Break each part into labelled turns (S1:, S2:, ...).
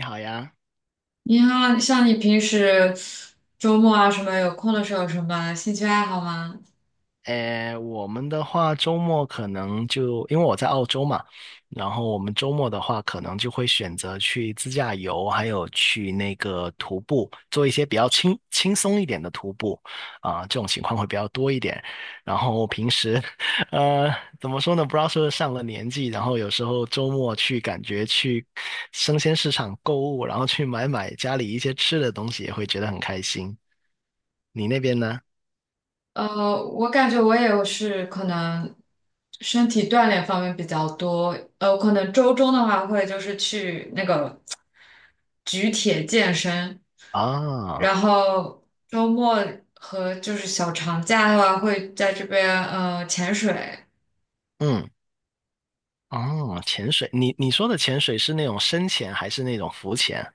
S1: 你好呀，
S2: 你好，像你平时周末啊什么有空的时候有什么兴趣爱好吗？
S1: 诶，我们的话周末可能就因为我在澳洲嘛，然后我们周末的话可能就会选择去自驾游，还有去那个徒步，做一些比较轻松一点的徒步，这种情况会比较多一点。然后平时，呃，怎么说呢？不知道是不是上了年纪，然后有时候周末去感觉去生鲜市场购物，然后去买家里一些吃的东西，也会觉得很开心。你那边呢？
S2: 我感觉我也是可能身体锻炼方面比较多，我可能周中的话会就是去那个举铁健身，
S1: 啊，
S2: 然后周末和就是小长假的话会在这边潜水。
S1: 嗯。哦，潜水，你说的潜水是那种深潜还是那种浮潜？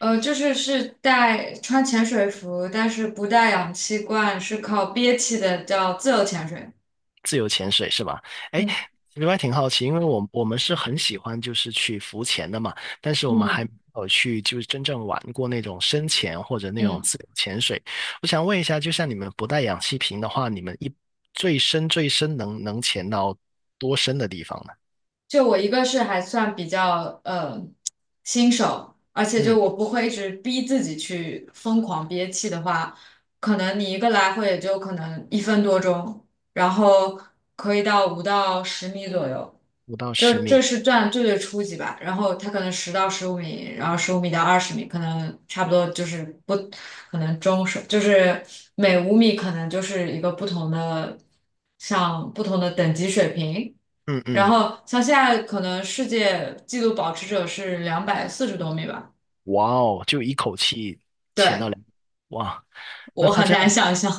S2: 就是是带穿潜水服，但是不带氧气罐，是靠憋气的，叫自由潜水。
S1: 自由潜水是吧？哎，
S2: 嗯
S1: 另外挺好奇，因为我们是很喜欢就是去浮潜的嘛，但是我们还没
S2: 嗯
S1: 有去就是真正玩过那种深潜或者那种
S2: 嗯，
S1: 自由潜水。我想问一下，就像你们不带氧气瓶的话，你们最深最深能潜到多深的地方呢？
S2: 就我一个是还算比较新手，而且
S1: 嗯，
S2: 就我不会一直逼自己去疯狂憋气的话，可能你一个来回也就可能一分多钟，然后可以到5到10米左右，
S1: 五到十
S2: 就
S1: 米。
S2: 这是算最最初级吧。然后它可能10到15米，然后15米到20米，可能差不多就是不可能中手，就是每5米可能就是一个不同的像不同的等级水平。
S1: 嗯
S2: 然
S1: 嗯，
S2: 后像现在可能世界纪录保持者是240多米吧？
S1: 哇哦，就一口气潜到
S2: 对，
S1: 两，哇，那
S2: 我
S1: 他
S2: 很
S1: 这
S2: 难
S1: 样。
S2: 想象，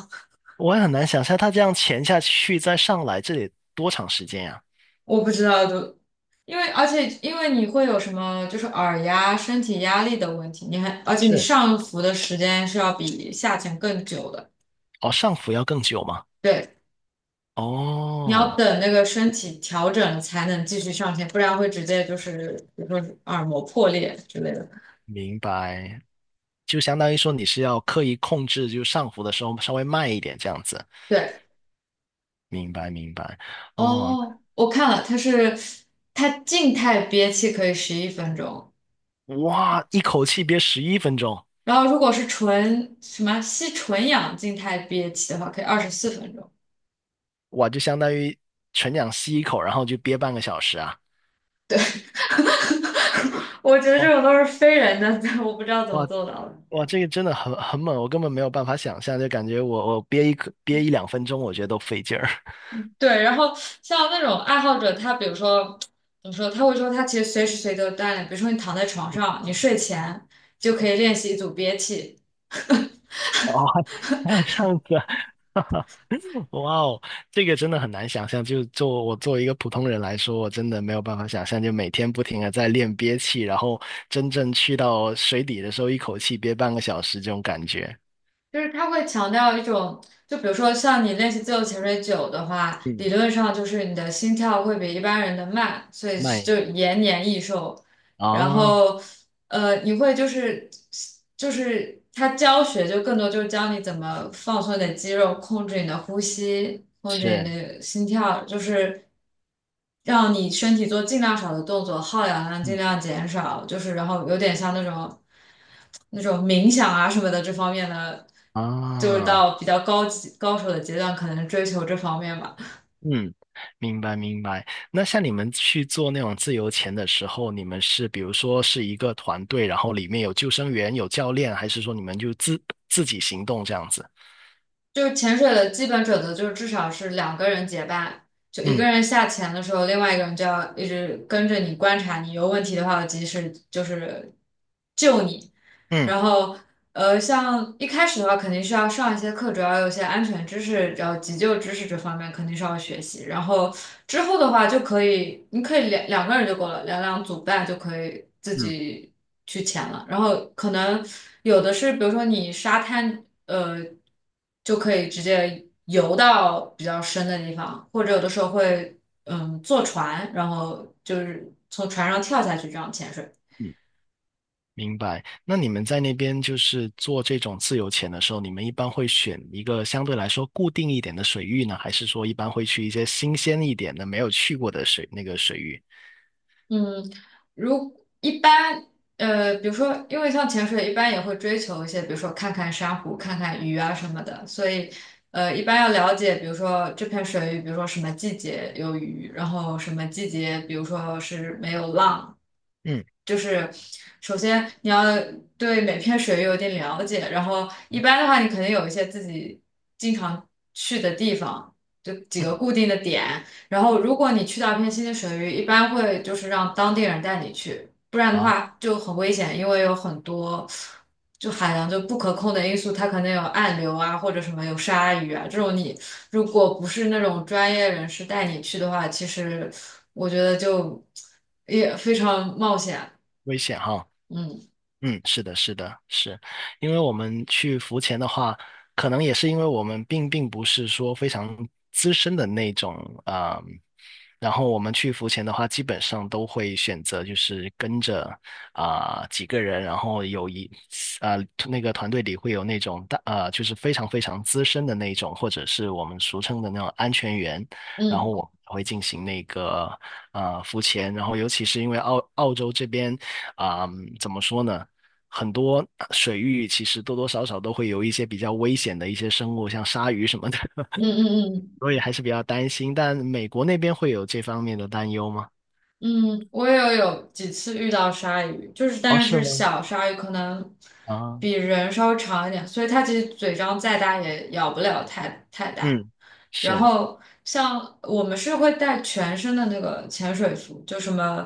S1: 我也很难想象他这样潜下去再上来，这得多长时间呀？
S2: 我不知道都，因为你会有什么就是耳压、身体压力的问题，而且你
S1: 是，
S2: 上浮的时间是要比下潜更久的，
S1: 哦，上浮要更久吗？
S2: 对，你要
S1: 哦，
S2: 等那个身体调整才能继续上潜，不然会直接就是比如说耳膜破裂之类的。
S1: 明白，就相当于说你是要刻意控制，就上浮的时候稍微慢一点这样子。
S2: 对，
S1: 明白，明白。哦，
S2: 哦，我看了，它静态憋气可以11分钟。
S1: 哇，一口气憋11分钟，
S2: 然后如果是纯什么吸纯氧静态憋气的话，可以24分钟。
S1: 哇，就相当于纯氧吸一口，然后就憋半个小时啊。
S2: 我觉得
S1: 哇
S2: 这种都是非人的，我不知道怎么
S1: 哇
S2: 做到的。
S1: 哇，这个真的很很猛，我根本没有办法想象，就感觉我憋一口憋一两分钟，我觉得都费劲儿。
S2: 对，然后像那种爱好者，他比如说怎么说，他会说他其实随时随地都锻炼，比如说你躺在床上，你睡前就可以练习一组憋气，
S1: 哦，还有这样子啊 哇哦，这个真的很难想象。就做我作为一个普通人来说，我真的没有办法想象，就每天不停的在练憋气，然后真正去到水底的时候，一口气憋半个小时这种感觉。
S2: 就是他会强调一种，就比如说像你练习自由潜水久的话，理
S1: 嗯，
S2: 论上就是你的心跳会比一般人的慢，所以
S1: 慢
S2: 就延年益寿。然
S1: 啊，
S2: 后你会就是他教学就更多就是教你怎么放松你的肌肉，控制你的呼吸，控制你
S1: 是，
S2: 的心跳，就是让你身体做尽量少的动作，耗氧量尽
S1: 嗯
S2: 量减少，就是然后有点像那种冥想啊什么的这方面的，就是
S1: 啊，
S2: 到比较高级高手的阶段，可能追求这方面吧。
S1: 嗯，明白明白。那像你们去做那种自由潜的时候，你们是比如说是一个团队，然后里面有救生员、有教练，还是说你们就自己行动这样子？
S2: 就是潜水的基本准则就是至少是两个人结伴，就一个
S1: 嗯
S2: 人下潜的时候，另外一个人就要一直跟着你观察你，有问题的话及时就是救你。
S1: 嗯。
S2: 然后像一开始的话肯定是要上一些课，主要有一些安全知识，然后急救知识这方面肯定是要学习。然后之后的话就可以，你可以两两个人就够了，两两组伴就可以自
S1: 嗯
S2: 己去潜了。然后可能有的是，比如说你沙滩，就可以直接游到比较深的地方，或者有的时候会坐船，然后就是从船上跳下去这样潜水。
S1: 嗯，明白。那你们在那边就是做这种自由潜的时候，你们一般会选一个相对来说固定一点的水域呢，还是说一般会去一些新鲜一点的、没有去过的那个水域？
S2: 嗯，如一般，比如说，因为像潜水，一般也会追求一些，比如说看看珊瑚、看看鱼啊什么的，所以，一般要了解，比如说这片水域，比如说什么季节有鱼，然后什么季节，比如说是没有浪，
S1: 嗯
S2: 就是首先你要对每片水域有点了解，然后一
S1: 嗯
S2: 般的话，你肯定有一些自己经常去的地方，就几个
S1: 嗯，
S2: 固定的点。然后，如果你去到一片新的水域，一般会就是让当地人带你去，不然的
S1: 啊，
S2: 话就很危险，因为有很多就海洋就不可控的因素，它可能有暗流啊，或者什么有鲨鱼啊这种。你如果不是那种专业人士带你去的话，其实我觉得就也非常冒险。
S1: 危险哈。嗯，是的，是的，是，因为我们去浮潜的话，可能也是因为我们并不是说非常资深的那种啊、然后我们去浮潜的话，基本上都会选择就是跟着几个人，然后有一啊、那个团队里会有那种大就是非常非常资深的那种，或者是我们俗称的那种安全员，然后
S2: 嗯
S1: 我会进行那个浮潜，然后尤其是因为澳洲这边怎么说呢？很多水域其实多多少少都会有一些比较危险的一些生物，像鲨鱼什么的，
S2: 嗯嗯嗯嗯 嗯。
S1: 所以还是比较担心。但美国那边会有这方面的担忧吗？
S2: 嗯，我也有几次遇到鲨鱼，就是
S1: 哦，
S2: 但
S1: 是
S2: 是
S1: 吗？
S2: 小鲨鱼可能
S1: 啊，
S2: 比人稍微长一点，所以它其实嘴张再大也咬不了太大。
S1: 嗯，
S2: 然
S1: 是，
S2: 后像我们是会带全身的那个潜水服，就什么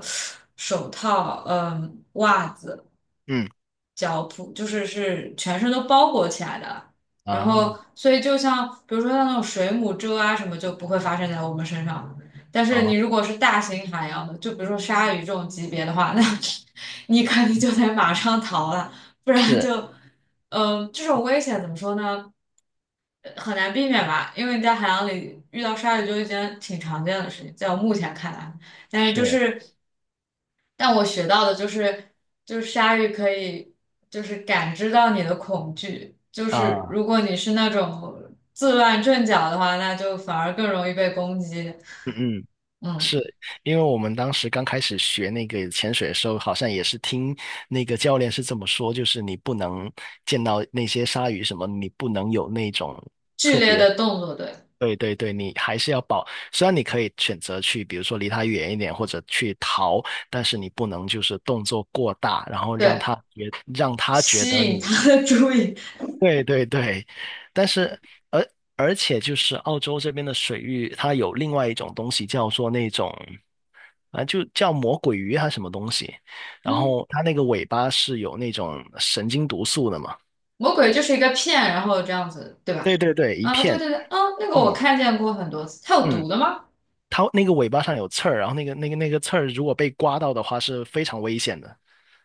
S2: 手套、袜子。
S1: 嗯，
S2: 脚蹼，就是是全身都包裹起来的。然
S1: 啊，
S2: 后，所以就像比如说像那种水母蛰啊什么，就不会发生在我们身上。但是你
S1: 啊，
S2: 如果是大型海洋的，就比如说鲨鱼这种级别的话，那 你肯定就得马上逃了，不然
S1: 是
S2: 就，这种危险怎么说呢？很难避免吧，因为你在海洋里遇到鲨鱼就一件挺常见的事情，在我目前看来。但是就
S1: 是
S2: 是，但我学到的就是，就是鲨鱼可以就是感知到你的恐惧，就是
S1: 啊，
S2: 如果你是那种自乱阵脚的话，那就反而更容易被攻击。
S1: 嗯嗯。
S2: 嗯，
S1: 是因为我们当时刚开始学那个潜水的时候，好像也是听那个教练是这么说，就是你不能见到那些鲨鱼什么，你不能有那种
S2: 剧
S1: 特
S2: 烈
S1: 别。
S2: 的动作，对
S1: 对对对，你还是要保。虽然你可以选择去，比如说离他远一点，或者去逃，但是你不能就是动作过大，然后
S2: 对，
S1: 让他觉
S2: 吸
S1: 得你。
S2: 引他的注意。
S1: 对对对，但是而而且就是澳洲这边的水域，它有另外一种东西叫做那种，啊就叫魔鬼鱼还是什么东西，然
S2: 嗯，
S1: 后它那个尾巴是有那种神经毒素的嘛。
S2: 魔鬼就是一个骗，然后这样子，对吧？
S1: 对对对，一
S2: 啊，对
S1: 片，
S2: 对对，啊，那个我
S1: 嗯
S2: 看见过很多次，它有
S1: 嗯。
S2: 毒的吗？
S1: 它那个尾巴上有刺儿，然后那个刺儿如果被刮到的话是非常危险的。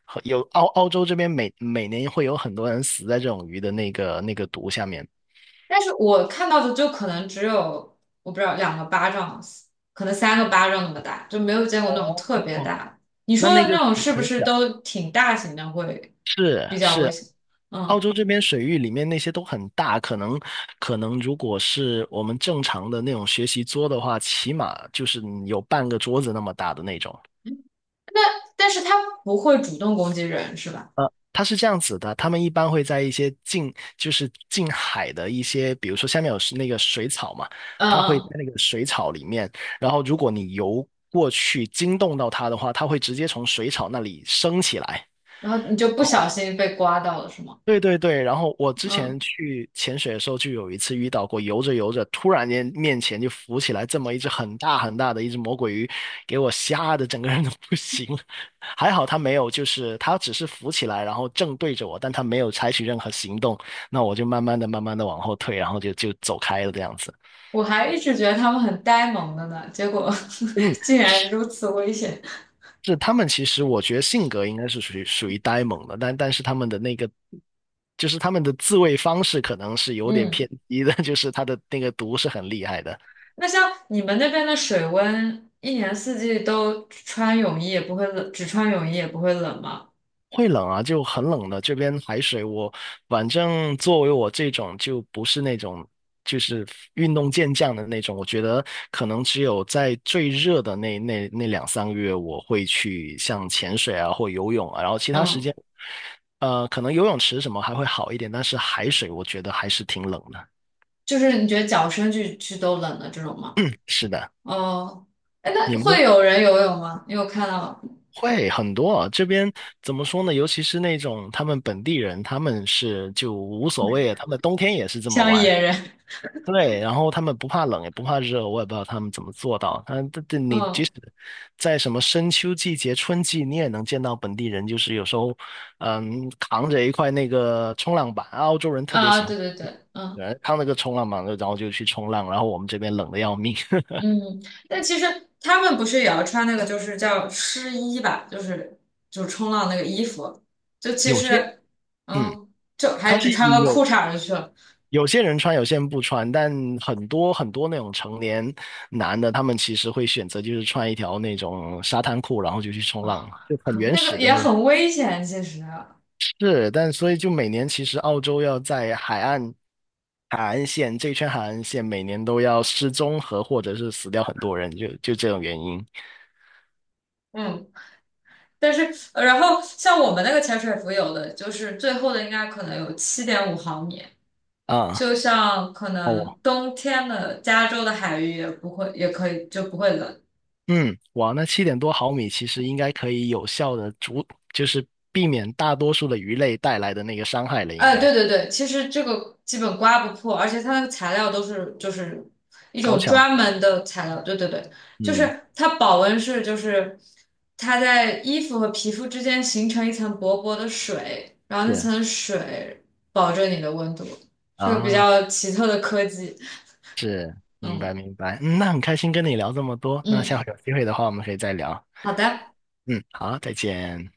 S1: 和有澳洲这边每年会有很多人死在这种鱼的那个毒下面。
S2: 但是我看到的就可能只有我不知道两个巴掌，可能三个巴掌那么大，就没有见过那种特别
S1: 哦，
S2: 大的。你
S1: 那
S2: 说
S1: 那
S2: 的
S1: 个
S2: 那
S1: 水
S2: 种是不
S1: 很
S2: 是
S1: 小。
S2: 都挺大型的，会
S1: 是
S2: 比较危
S1: 是，
S2: 险？
S1: 澳
S2: 嗯，
S1: 洲这边水域里面那些都很大，可能如果是我们正常的那种学习桌的话，起码就是有半个桌子那么大的那种。
S2: 但是它不会主动攻击人，是吧？
S1: 它是这样子的，他们一般会在一些近，就是近海的一些，比如说下面有是那个水草嘛，
S2: 嗯
S1: 它会在
S2: 嗯，
S1: 那个水草里面，然后如果你游过去惊动到它的话，它会直接从水草那里升起来。
S2: 然后你就不小心被刮到了，是吗？
S1: 对对对，然后我之前
S2: 嗯，
S1: 去潜水的时候，就有一次遇到过，游着游着，突然间面前就浮起来这么一只很大很大的一只魔鬼鱼，给我吓得整个人都不行了。还好它没有，就是它只是浮起来，然后正对着我，但它没有采取任何行动。那我就慢慢的、慢慢的往后退，然后就走开了这样子。
S2: 我还一直觉得它们很呆萌的呢，结果
S1: 嗯，
S2: 竟然如此危险。
S1: 是他们其实我觉得性格应该是属于呆萌的，但是他们的那个就是他们的自卫方式可能是有点偏
S2: 嗯。
S1: 激的，就是他的那个毒是很厉害的。
S2: 那像你们那边的水温，一年四季都穿泳衣也不会冷，只穿泳衣也不会冷吗？
S1: 会冷啊，就很冷的。这边海水我，反正作为我这种就不是那种就是运动健将的那种，我觉得可能只有在最热的那两三个月，我会去像潜水啊或游泳啊，然后其他时
S2: 嗯，
S1: 间，可能游泳池什么还会好一点，但是海水我觉得还是挺冷的。
S2: 就是你觉得脚伸进去都冷的这种吗？
S1: 是的，
S2: 哦，哎，那
S1: 你
S2: 会
S1: 们
S2: 有人游泳吗？你有看到
S1: 会很多啊，这边怎么说呢？尤其是那种他们本地人，他们是就无所谓啊，他们冬天也是这么
S2: 像
S1: 玩。
S2: 野人？
S1: 对，然后他们不怕冷也不怕热，我也不知道他们怎么做到。但这你即
S2: 嗯
S1: 使在什么深秋季节、春季，你也能见到本地人，就是有时候，扛着一块那个冲浪板，澳洲人特别
S2: 啊，
S1: 喜欢，
S2: 对对对，嗯
S1: 对扛那个冲浪板，然后就去冲浪。然后我们这边冷的要命，
S2: 嗯，但其实他们不是也要穿那个，就是叫湿衣吧，就是就冲浪那个衣服，就 其
S1: 有些，
S2: 实
S1: 嗯，
S2: 嗯，就还
S1: 他是
S2: 只穿个裤
S1: 有
S2: 衩儿就去了。
S1: 有些人穿，有些人不穿，但很多很多那种成年男的，他们其实会选择就是穿一条那种沙滩裤，然后就去冲
S2: 哦，
S1: 浪，就很原
S2: 那个
S1: 始的
S2: 也
S1: 那种。
S2: 很危险，其实。
S1: 是，但所以就每年其实澳洲要在海岸线这一圈海岸线每年都要失踪和或者是死掉很多人，就这种原因
S2: 嗯，但是，然后像我们那个潜水服，有的就是最厚的，应该可能有7.5毫米。
S1: 啊。
S2: 就像可能
S1: 哦，
S2: 冬天的加州的海域也不会，也可以就不会冷，
S1: 嗯，哇，那7点多毫米其实应该可以有效的阻，就是避免大多数的鱼类带来的那个伤害了，应
S2: 哎，
S1: 该
S2: 对对对，其实这个基本刮不破，而且它那个材料都是就是一
S1: 高
S2: 种
S1: 强。
S2: 专门的材料，对对对，就
S1: 嗯，
S2: 是它保温是就是它在衣服和皮肤之间形成一层薄薄的水，然后那
S1: 是
S2: 层水保证你的温度，是个比
S1: 啊，
S2: 较奇特的科技。
S1: 是，明
S2: 嗯
S1: 白明白。嗯，那很开心跟你聊这么多，那
S2: 嗯，
S1: 下回有机会的话我们可以再聊。
S2: 好的。
S1: 嗯，好，再见。